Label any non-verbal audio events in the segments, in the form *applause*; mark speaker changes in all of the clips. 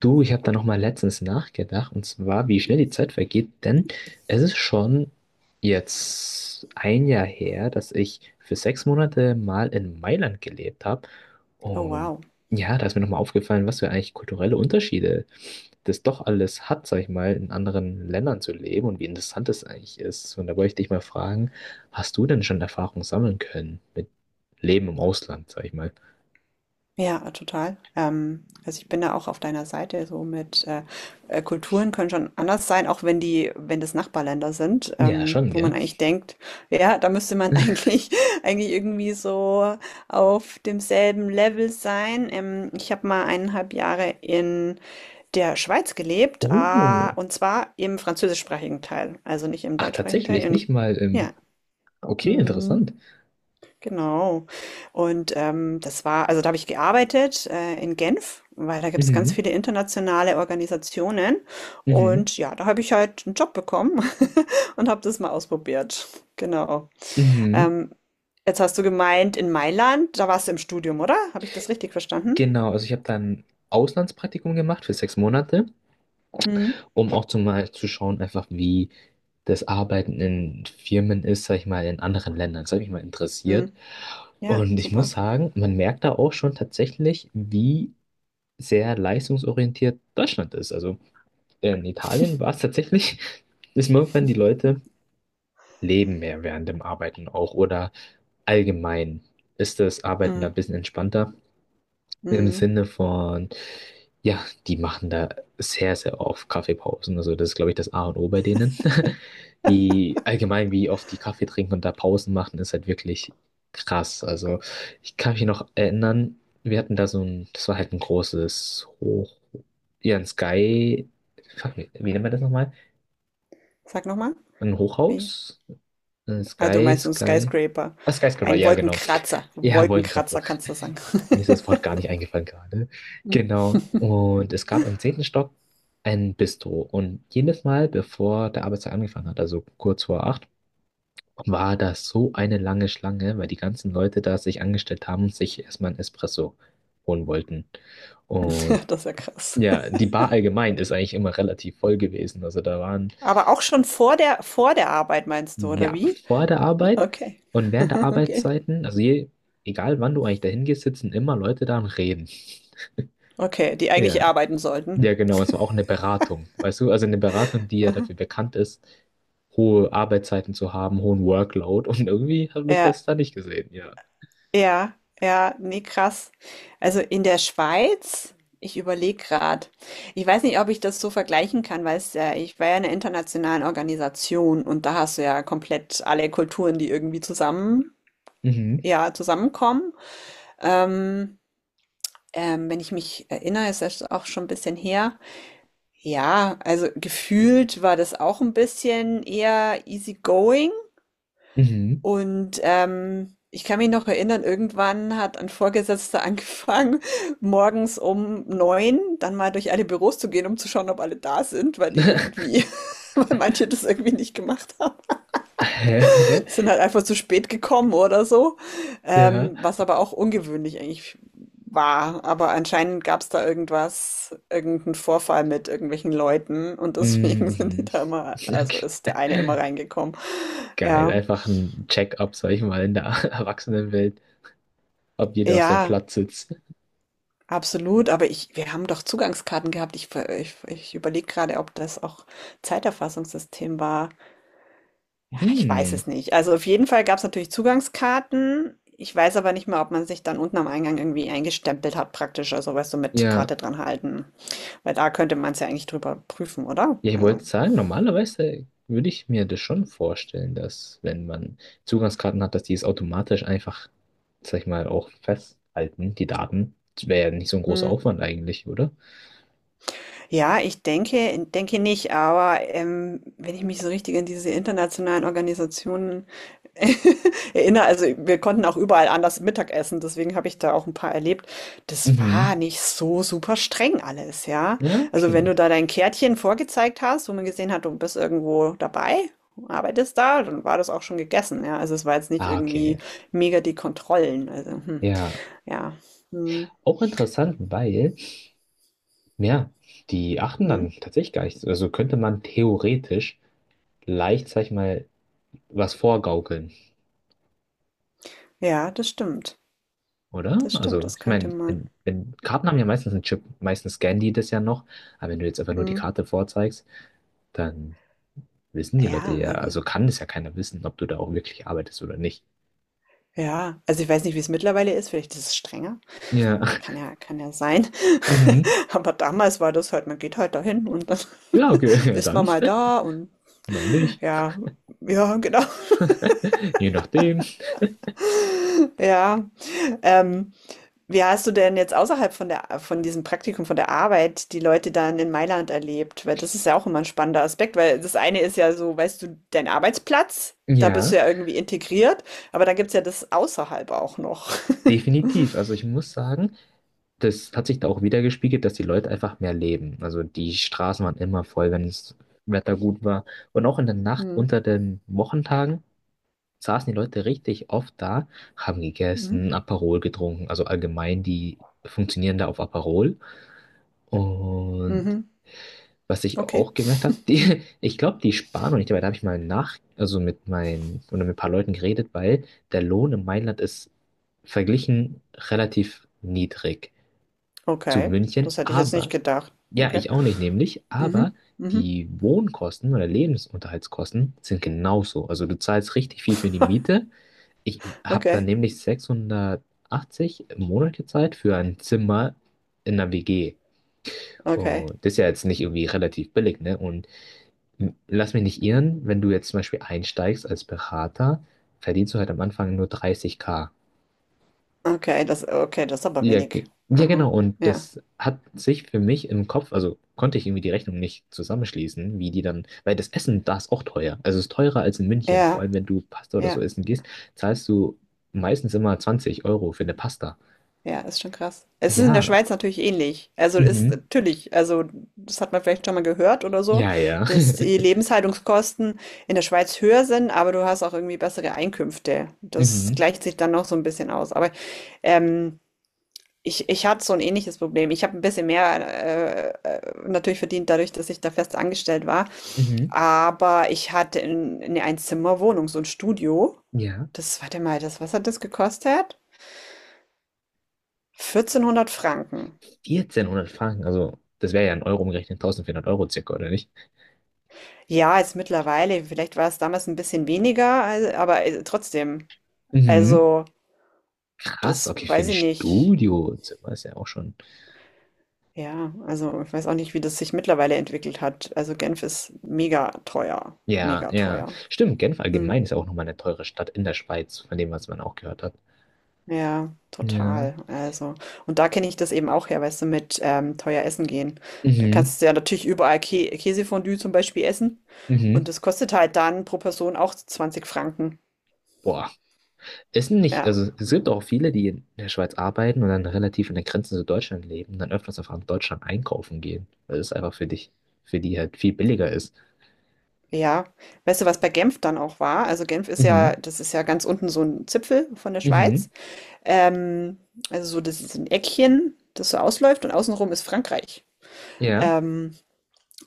Speaker 1: Du, ich habe da noch mal letztens nachgedacht, und zwar, wie schnell die Zeit vergeht, denn es ist schon jetzt ein Jahr her, dass ich für 6 Monate mal in Mailand gelebt habe.
Speaker 2: Oh,
Speaker 1: Und
Speaker 2: wow.
Speaker 1: ja, da ist mir noch mal aufgefallen, was für eigentlich kulturelle Unterschiede das doch alles hat, sag ich mal, in anderen Ländern zu leben und wie interessant das eigentlich ist. Und da wollte ich dich mal fragen, hast du denn schon Erfahrungen sammeln können mit Leben im Ausland, sag ich mal?
Speaker 2: Ja, total. Also ich bin da auch auf deiner Seite, so mit Kulturen können schon anders sein, auch wenn das Nachbarländer sind,
Speaker 1: Ja, schon,
Speaker 2: wo man
Speaker 1: gell?
Speaker 2: eigentlich denkt, ja, da müsste man *laughs* eigentlich irgendwie so auf demselben Level sein. Ich habe mal eineinhalb Jahre in der Schweiz gelebt,
Speaker 1: Oh,
Speaker 2: und zwar im französischsprachigen Teil, also nicht im
Speaker 1: ach,
Speaker 2: deutschsprachigen Teil,
Speaker 1: tatsächlich, nicht
Speaker 2: in,
Speaker 1: mal im.
Speaker 2: ja.
Speaker 1: Okay,
Speaker 2: Mhm.
Speaker 1: interessant.
Speaker 2: Genau. Und das war, also da habe ich gearbeitet in Genf, weil da gibt es ganz
Speaker 1: Mhm,
Speaker 2: viele internationale Organisationen.
Speaker 1: mhm,
Speaker 2: Und ja, da habe ich halt einen Job bekommen *laughs* und habe das mal ausprobiert. Genau.
Speaker 1: mhm.
Speaker 2: Ähm, jetzt hast du gemeint, in Mailand, da warst du im Studium, oder? Habe ich das richtig verstanden?
Speaker 1: Genau, also ich habe dann Auslandspraktikum gemacht für 6 Monate,
Speaker 2: Hm,
Speaker 1: um auch zumal zu schauen, einfach wie das Arbeiten in Firmen ist, sag ich mal, in anderen Ländern. Das hat mich mal interessiert.
Speaker 2: hm. Ja,
Speaker 1: Und ich
Speaker 2: super.
Speaker 1: muss sagen, man merkt da auch schon tatsächlich, wie sehr leistungsorientiert Deutschland ist. Also in Italien war es tatsächlich, *laughs* dass manchmal die Leute leben mehr während dem Arbeiten auch oder allgemein ist das Arbeiten
Speaker 2: Hm,
Speaker 1: da ein bisschen entspannter. Im
Speaker 2: hm.
Speaker 1: Sinne von, ja, die machen da sehr, sehr oft Kaffeepausen. Also das ist, glaube ich, das A und O bei denen. Die allgemein, wie oft die Kaffee trinken und da Pausen machen, ist halt wirklich krass. Also ich kann mich noch erinnern, wir hatten da so ein, das war halt ein großes Hoch, ja, ein Sky, fuck, wie nennt man das nochmal?
Speaker 2: Sag nochmal.
Speaker 1: Ein
Speaker 2: Wie?
Speaker 1: Hochhaus? Ein
Speaker 2: Ah, du
Speaker 1: Sky,
Speaker 2: meinst so ein
Speaker 1: Sky.
Speaker 2: Skyscraper.
Speaker 1: Ah, Skyscraper,
Speaker 2: Ein
Speaker 1: ja, genau.
Speaker 2: Wolkenkratzer.
Speaker 1: Ja, wollte gerade.
Speaker 2: Wolkenkratzer
Speaker 1: *laughs*
Speaker 2: kannst du sagen.
Speaker 1: Mir ist das Wort gar nicht eingefallen gerade.
Speaker 2: Hm.
Speaker 1: Genau. Und es gab im 10. Stock ein Bistro. Und jedes Mal, bevor der Arbeitstag angefangen hat, also kurz vor 8, war das so eine lange Schlange, weil die ganzen Leute da sich angestellt haben und sich erstmal ein Espresso holen wollten. Und
Speaker 2: *laughs* Das ist ja krass.
Speaker 1: ja, die Bar allgemein ist eigentlich immer relativ voll gewesen. Also da waren,
Speaker 2: Aber auch schon vor der Arbeit meinst du, oder
Speaker 1: ja,
Speaker 2: wie?
Speaker 1: vor der Arbeit
Speaker 2: Okay,
Speaker 1: und während der
Speaker 2: *laughs* okay.
Speaker 1: Arbeitszeiten, also je, egal wann du eigentlich dahin gehst, sitzen immer Leute da und reden.
Speaker 2: Okay, die eigentlich
Speaker 1: Ja,
Speaker 2: arbeiten sollten.
Speaker 1: ja, genau, es war auch eine Beratung, weißt du, also eine Beratung, die ja dafür bekannt ist, hohe Arbeitszeiten zu haben, hohen Workload und irgendwie habe ich
Speaker 2: Ja,
Speaker 1: das da nicht gesehen, ja.
Speaker 2: ja, ja, nee, krass. Also in der Schweiz, ich überlege gerade. Ich weiß nicht, ob ich das so vergleichen kann, weil es ja, ich war ja in einer internationalen Organisation und da hast du ja komplett alle Kulturen, die irgendwie zusammen,
Speaker 1: Mhm,
Speaker 2: ja, zusammenkommen. Ähm, wenn ich mich erinnere, ist das auch schon ein bisschen her. Ja, also gefühlt war das auch ein bisschen eher easygoing.
Speaker 1: mhm.
Speaker 2: Und ich kann mich noch erinnern, irgendwann hat ein Vorgesetzter angefangen, *laughs* morgens um 9 dann mal durch alle Büros zu gehen, um zu schauen, ob alle da sind, weil die irgendwie, *laughs* weil manche das irgendwie nicht gemacht haben, sind
Speaker 1: *laughs*
Speaker 2: halt einfach zu spät gekommen oder so.
Speaker 1: Ja,
Speaker 2: Was aber auch ungewöhnlich eigentlich war. Aber anscheinend gab es da irgendwas, irgendeinen Vorfall mit irgendwelchen Leuten und
Speaker 1: mhm,
Speaker 2: deswegen *laughs* sind die
Speaker 1: mhm.
Speaker 2: da immer, also
Speaker 1: Okay.
Speaker 2: ist der eine immer reingekommen.
Speaker 1: Geil,
Speaker 2: Ja,
Speaker 1: einfach ein Check-up, sag ich mal, in der *laughs* Erwachsenenwelt, ob jeder auf seinem
Speaker 2: ja,
Speaker 1: Platz sitzt.
Speaker 2: absolut. Aber ich, wir haben doch Zugangskarten gehabt. Ich überlege gerade, ob das auch Zeiterfassungssystem war. Ja, ich weiß
Speaker 1: Hm.
Speaker 2: es nicht. Also auf jeden Fall gab es natürlich Zugangskarten. Ich weiß aber nicht mehr, ob man sich dann unten am Eingang irgendwie eingestempelt hat, praktisch. Also, weißt du, mit
Speaker 1: Ja,
Speaker 2: Karte dran halten. Weil da könnte man es ja eigentlich drüber prüfen, oder?
Speaker 1: ja, ich
Speaker 2: Also.
Speaker 1: wollte sagen, normalerweise würde ich mir das schon vorstellen, dass wenn man Zugangskarten hat, dass die es automatisch einfach, sag ich mal, auch festhalten, die Daten. Das wäre ja nicht so ein großer
Speaker 2: Hm.
Speaker 1: Aufwand eigentlich, oder?
Speaker 2: Ja, ich denke nicht, aber, wenn ich mich so richtig an diese internationalen Organisationen *laughs* erinnere, also, wir konnten auch überall anders Mittag essen, deswegen habe ich da auch ein paar erlebt. Das
Speaker 1: Mhm.
Speaker 2: war nicht so super streng alles, ja?
Speaker 1: Ja,
Speaker 2: Also, wenn
Speaker 1: okay.
Speaker 2: du da dein Kärtchen vorgezeigt hast, wo man gesehen hat, du bist irgendwo dabei, arbeitest da, dann war das auch schon gegessen, ja? Also, es war jetzt nicht
Speaker 1: Ah,
Speaker 2: irgendwie
Speaker 1: okay.
Speaker 2: mega die Kontrollen, also, hm,
Speaker 1: Ja,
Speaker 2: ja. Mhm,
Speaker 1: auch interessant, weil, ja, die achten
Speaker 2: mhm.
Speaker 1: dann tatsächlich gar nicht so. Also könnte man theoretisch leicht, sag ich mal, was vorgaukeln.
Speaker 2: Ja, das stimmt.
Speaker 1: Oder?
Speaker 2: Das stimmt,
Speaker 1: Also,
Speaker 2: das
Speaker 1: ich
Speaker 2: könnte
Speaker 1: meine,
Speaker 2: man.
Speaker 1: wenn, Karten haben ja meistens einen Chip, meistens scannen die das ja noch, aber wenn du jetzt einfach nur die
Speaker 2: Mhm.
Speaker 1: Karte vorzeigst, dann wissen die Leute
Speaker 2: Ja,
Speaker 1: ja,
Speaker 2: also
Speaker 1: also kann das ja keiner wissen, ob du da auch wirklich arbeitest oder nicht.
Speaker 2: ja, also ich weiß nicht, wie es mittlerweile ist, vielleicht ist es strenger.
Speaker 1: Ja. *laughs*
Speaker 2: Kann ja sein.
Speaker 1: Mhm.
Speaker 2: *laughs* Aber damals war das halt, man geht halt dahin und dann
Speaker 1: Ja,
Speaker 2: *laughs*
Speaker 1: okay, *laughs*
Speaker 2: ist man
Speaker 1: dann
Speaker 2: mal da und
Speaker 1: mal nicht.
Speaker 2: ja, ja, genau.
Speaker 1: *laughs* Je nachdem.
Speaker 2: *laughs* Ja. Ähm, wie hast du denn jetzt außerhalb von diesem Praktikum, von der Arbeit, die Leute dann in Mailand erlebt? Weil das ist ja auch immer ein spannender Aspekt, weil das eine ist ja so, weißt du, dein Arbeitsplatz, da bist du
Speaker 1: Ja,
Speaker 2: ja irgendwie integriert, aber da gibt's ja das außerhalb auch noch.
Speaker 1: definitiv. Also ich muss sagen, das hat sich da auch wieder gespiegelt, dass die Leute einfach mehr leben. Also die Straßen waren immer voll, wenn das Wetter gut war. Und auch in der Nacht unter
Speaker 2: *laughs*
Speaker 1: den Wochentagen saßen die Leute richtig oft da, haben
Speaker 2: Hm.
Speaker 1: gegessen, Aperol getrunken, also allgemein, die funktionieren da auf Aperol. Und
Speaker 2: Mhm.
Speaker 1: was ich
Speaker 2: Okay.
Speaker 1: auch gemerkt habe, die, *laughs* ich glaube, die sparen und ich dabei, da habe ich mal nach, also mit meinen, oder mit ein paar Leuten geredet, weil der Lohn in Mailand ist verglichen relativ niedrig zu
Speaker 2: Okay.
Speaker 1: München,
Speaker 2: Das hätte ich jetzt nicht
Speaker 1: aber,
Speaker 2: gedacht.
Speaker 1: ja,
Speaker 2: Okay.
Speaker 1: ich auch nicht nämlich, aber
Speaker 2: Mhm. Mhm.
Speaker 1: die Wohnkosten oder Lebensunterhaltskosten sind genauso. Also du zahlst richtig viel für die Miete. Ich habe dann
Speaker 2: Okay.
Speaker 1: nämlich 680 Monate Zeit für ein Zimmer in einer WG.
Speaker 2: Okay.
Speaker 1: Und das ist ja jetzt nicht irgendwie relativ billig, ne? Und lass mich nicht irren, wenn du jetzt zum Beispiel einsteigst als Berater, verdienst du halt am Anfang nur 30K.
Speaker 2: Okay. Das, okay, das ist aber
Speaker 1: Ja,
Speaker 2: wenig.
Speaker 1: ja, genau.
Speaker 2: Aha.
Speaker 1: Und
Speaker 2: Ja.
Speaker 1: das hat sich für mich im Kopf, also konnte ich irgendwie die Rechnung nicht zusammenschließen, wie die dann, weil das Essen da ist auch teuer. Also es ist teurer als in München. Vor
Speaker 2: Ja.
Speaker 1: allem, wenn du Pasta oder so
Speaker 2: Ja.
Speaker 1: essen gehst, zahlst du meistens immer 20 € für eine Pasta.
Speaker 2: Ja, ist schon krass. Es ist in der
Speaker 1: Ja,
Speaker 2: Schweiz natürlich ähnlich. Also ist
Speaker 1: mhm,
Speaker 2: natürlich, also das hat man vielleicht schon mal gehört oder so,
Speaker 1: ja, ja.
Speaker 2: dass die
Speaker 1: *laughs*
Speaker 2: Lebenshaltungskosten in der Schweiz höher sind, aber du hast auch irgendwie bessere Einkünfte. Das
Speaker 1: Mhm.
Speaker 2: gleicht sich dann noch so ein bisschen aus. Aber ähm, ich hatte so ein ähnliches Problem. Ich habe ein bisschen mehr, natürlich verdient dadurch, dass ich da fest angestellt war.
Speaker 1: Mhm.
Speaker 2: Aber ich hatte 'n 'ne Einzimmerwohnung, so ein Studio.
Speaker 1: Ja.
Speaker 2: Das, warte mal, das was hat das gekostet? 1.400 Franken.
Speaker 1: 1.400 Franken, also das wäre ja in Euro umgerechnet 1.400 € circa, oder nicht?
Speaker 2: Ja, jetzt mittlerweile, vielleicht war es damals ein bisschen weniger, al aber, trotzdem.
Speaker 1: Mhm.
Speaker 2: Also,
Speaker 1: Krass,
Speaker 2: das
Speaker 1: okay, für
Speaker 2: weiß
Speaker 1: ein
Speaker 2: ich nicht.
Speaker 1: Studiozimmer ist ja auch schon.
Speaker 2: Ja, also, ich weiß auch nicht, wie das sich mittlerweile entwickelt hat. Also, Genf ist mega teuer,
Speaker 1: Ja,
Speaker 2: mega
Speaker 1: ja.
Speaker 2: teuer.
Speaker 1: Stimmt, Genf allgemein
Speaker 2: Mhm.
Speaker 1: ist ja auch nochmal eine teure Stadt in der Schweiz, von dem, was man auch gehört hat.
Speaker 2: Ja,
Speaker 1: Ja.
Speaker 2: total. Also, und da kenne ich das eben auch her, weißt du, mit teuer essen gehen. Da
Speaker 1: Mhm.
Speaker 2: kannst du ja natürlich überall Kä Käsefondue zum Beispiel essen. Und
Speaker 1: Mhm.
Speaker 2: das kostet halt dann pro Person auch 20 Franken.
Speaker 1: Boah, ist nicht,
Speaker 2: Ja,
Speaker 1: also es gibt auch viele, die in der Schweiz arbeiten und dann relativ in der Grenze zu Deutschland leben und dann öfters einfach in Deutschland einkaufen gehen, weil es einfach für dich, für die halt viel billiger ist.
Speaker 2: ja. Weißt du, was bei Genf dann auch war? Also Genf ist
Speaker 1: Mhm.
Speaker 2: ja, das ist ja ganz unten so ein Zipfel von der
Speaker 1: Mhm.
Speaker 2: Schweiz. Ähm, also so, das ist ein Eckchen, das so ausläuft und außenrum ist Frankreich.
Speaker 1: Ja.
Speaker 2: Ähm,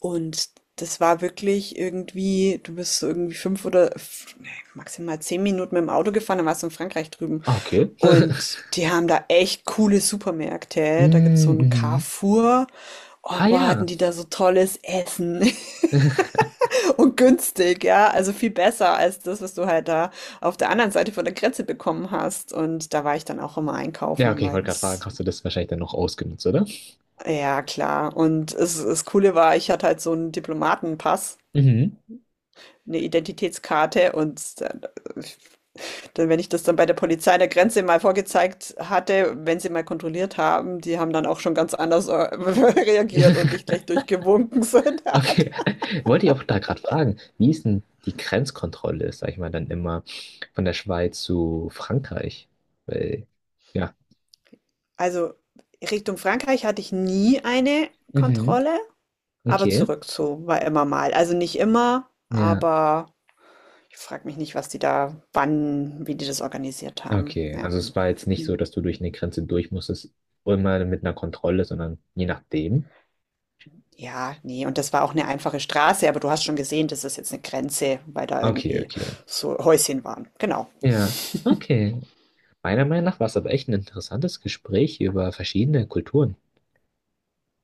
Speaker 2: Und das war wirklich irgendwie, du bist so irgendwie 5 maximal 10 Minuten mit dem Auto gefahren, dann warst du in Frankreich drüben.
Speaker 1: Ah, okay.
Speaker 2: Und
Speaker 1: *laughs*
Speaker 2: die haben da echt coole Supermärkte. Da gibt's so
Speaker 1: Mhm.
Speaker 2: einen
Speaker 1: Mhm.
Speaker 2: Carrefour. Oh,
Speaker 1: Ah,
Speaker 2: boah,
Speaker 1: ja.
Speaker 2: hatten die da so tolles Essen
Speaker 1: *laughs*
Speaker 2: *laughs* und günstig, ja. Also, viel besser als das, was du halt da auf der anderen Seite von der Grenze bekommen hast. Und da war ich dann auch immer
Speaker 1: Ja,
Speaker 2: einkaufen,
Speaker 1: okay, ich
Speaker 2: weil
Speaker 1: wollte gerade fragen,
Speaker 2: das,
Speaker 1: hast du das wahrscheinlich dann noch ausgenutzt, oder?
Speaker 2: ja, klar. Und es, das Coole war, ich hatte halt so einen Diplomatenpass.
Speaker 1: Mhm.
Speaker 2: Eine Identitätskarte und dann, dann, wenn ich das dann bei der Polizei an der Grenze mal vorgezeigt hatte, wenn sie mal kontrolliert haben, die haben dann auch schon ganz anders *laughs* reagiert und
Speaker 1: *laughs*
Speaker 2: dich gleich durchgewunken, so in der Art.
Speaker 1: Okay. Wollte ich auch da gerade fragen, wie ist denn die Grenzkontrolle, ist, sag ich mal, dann immer von der Schweiz zu Frankreich? Weil, ja.
Speaker 2: Also Richtung Frankreich hatte ich nie eine
Speaker 1: Mhm.
Speaker 2: Kontrolle, aber
Speaker 1: Okay.
Speaker 2: zurück zu war immer mal. Also nicht immer,
Speaker 1: Ja,
Speaker 2: aber ich frage mich nicht, was die da, wann, wie die das organisiert haben.
Speaker 1: okay.
Speaker 2: Ja.
Speaker 1: Also es war jetzt nicht so,
Speaker 2: Hm.
Speaker 1: dass du durch eine Grenze durch musstest, immer mit einer Kontrolle, sondern je nachdem.
Speaker 2: Ja, nee, und das war auch 'ne einfache Straße, aber du hast schon gesehen, das ist jetzt 'ne Grenze, weil da
Speaker 1: Okay,
Speaker 2: irgendwie
Speaker 1: okay.
Speaker 2: so Häuschen waren. Genau.
Speaker 1: Ja, okay. Meiner Meinung nach war es aber echt ein interessantes Gespräch über verschiedene Kulturen.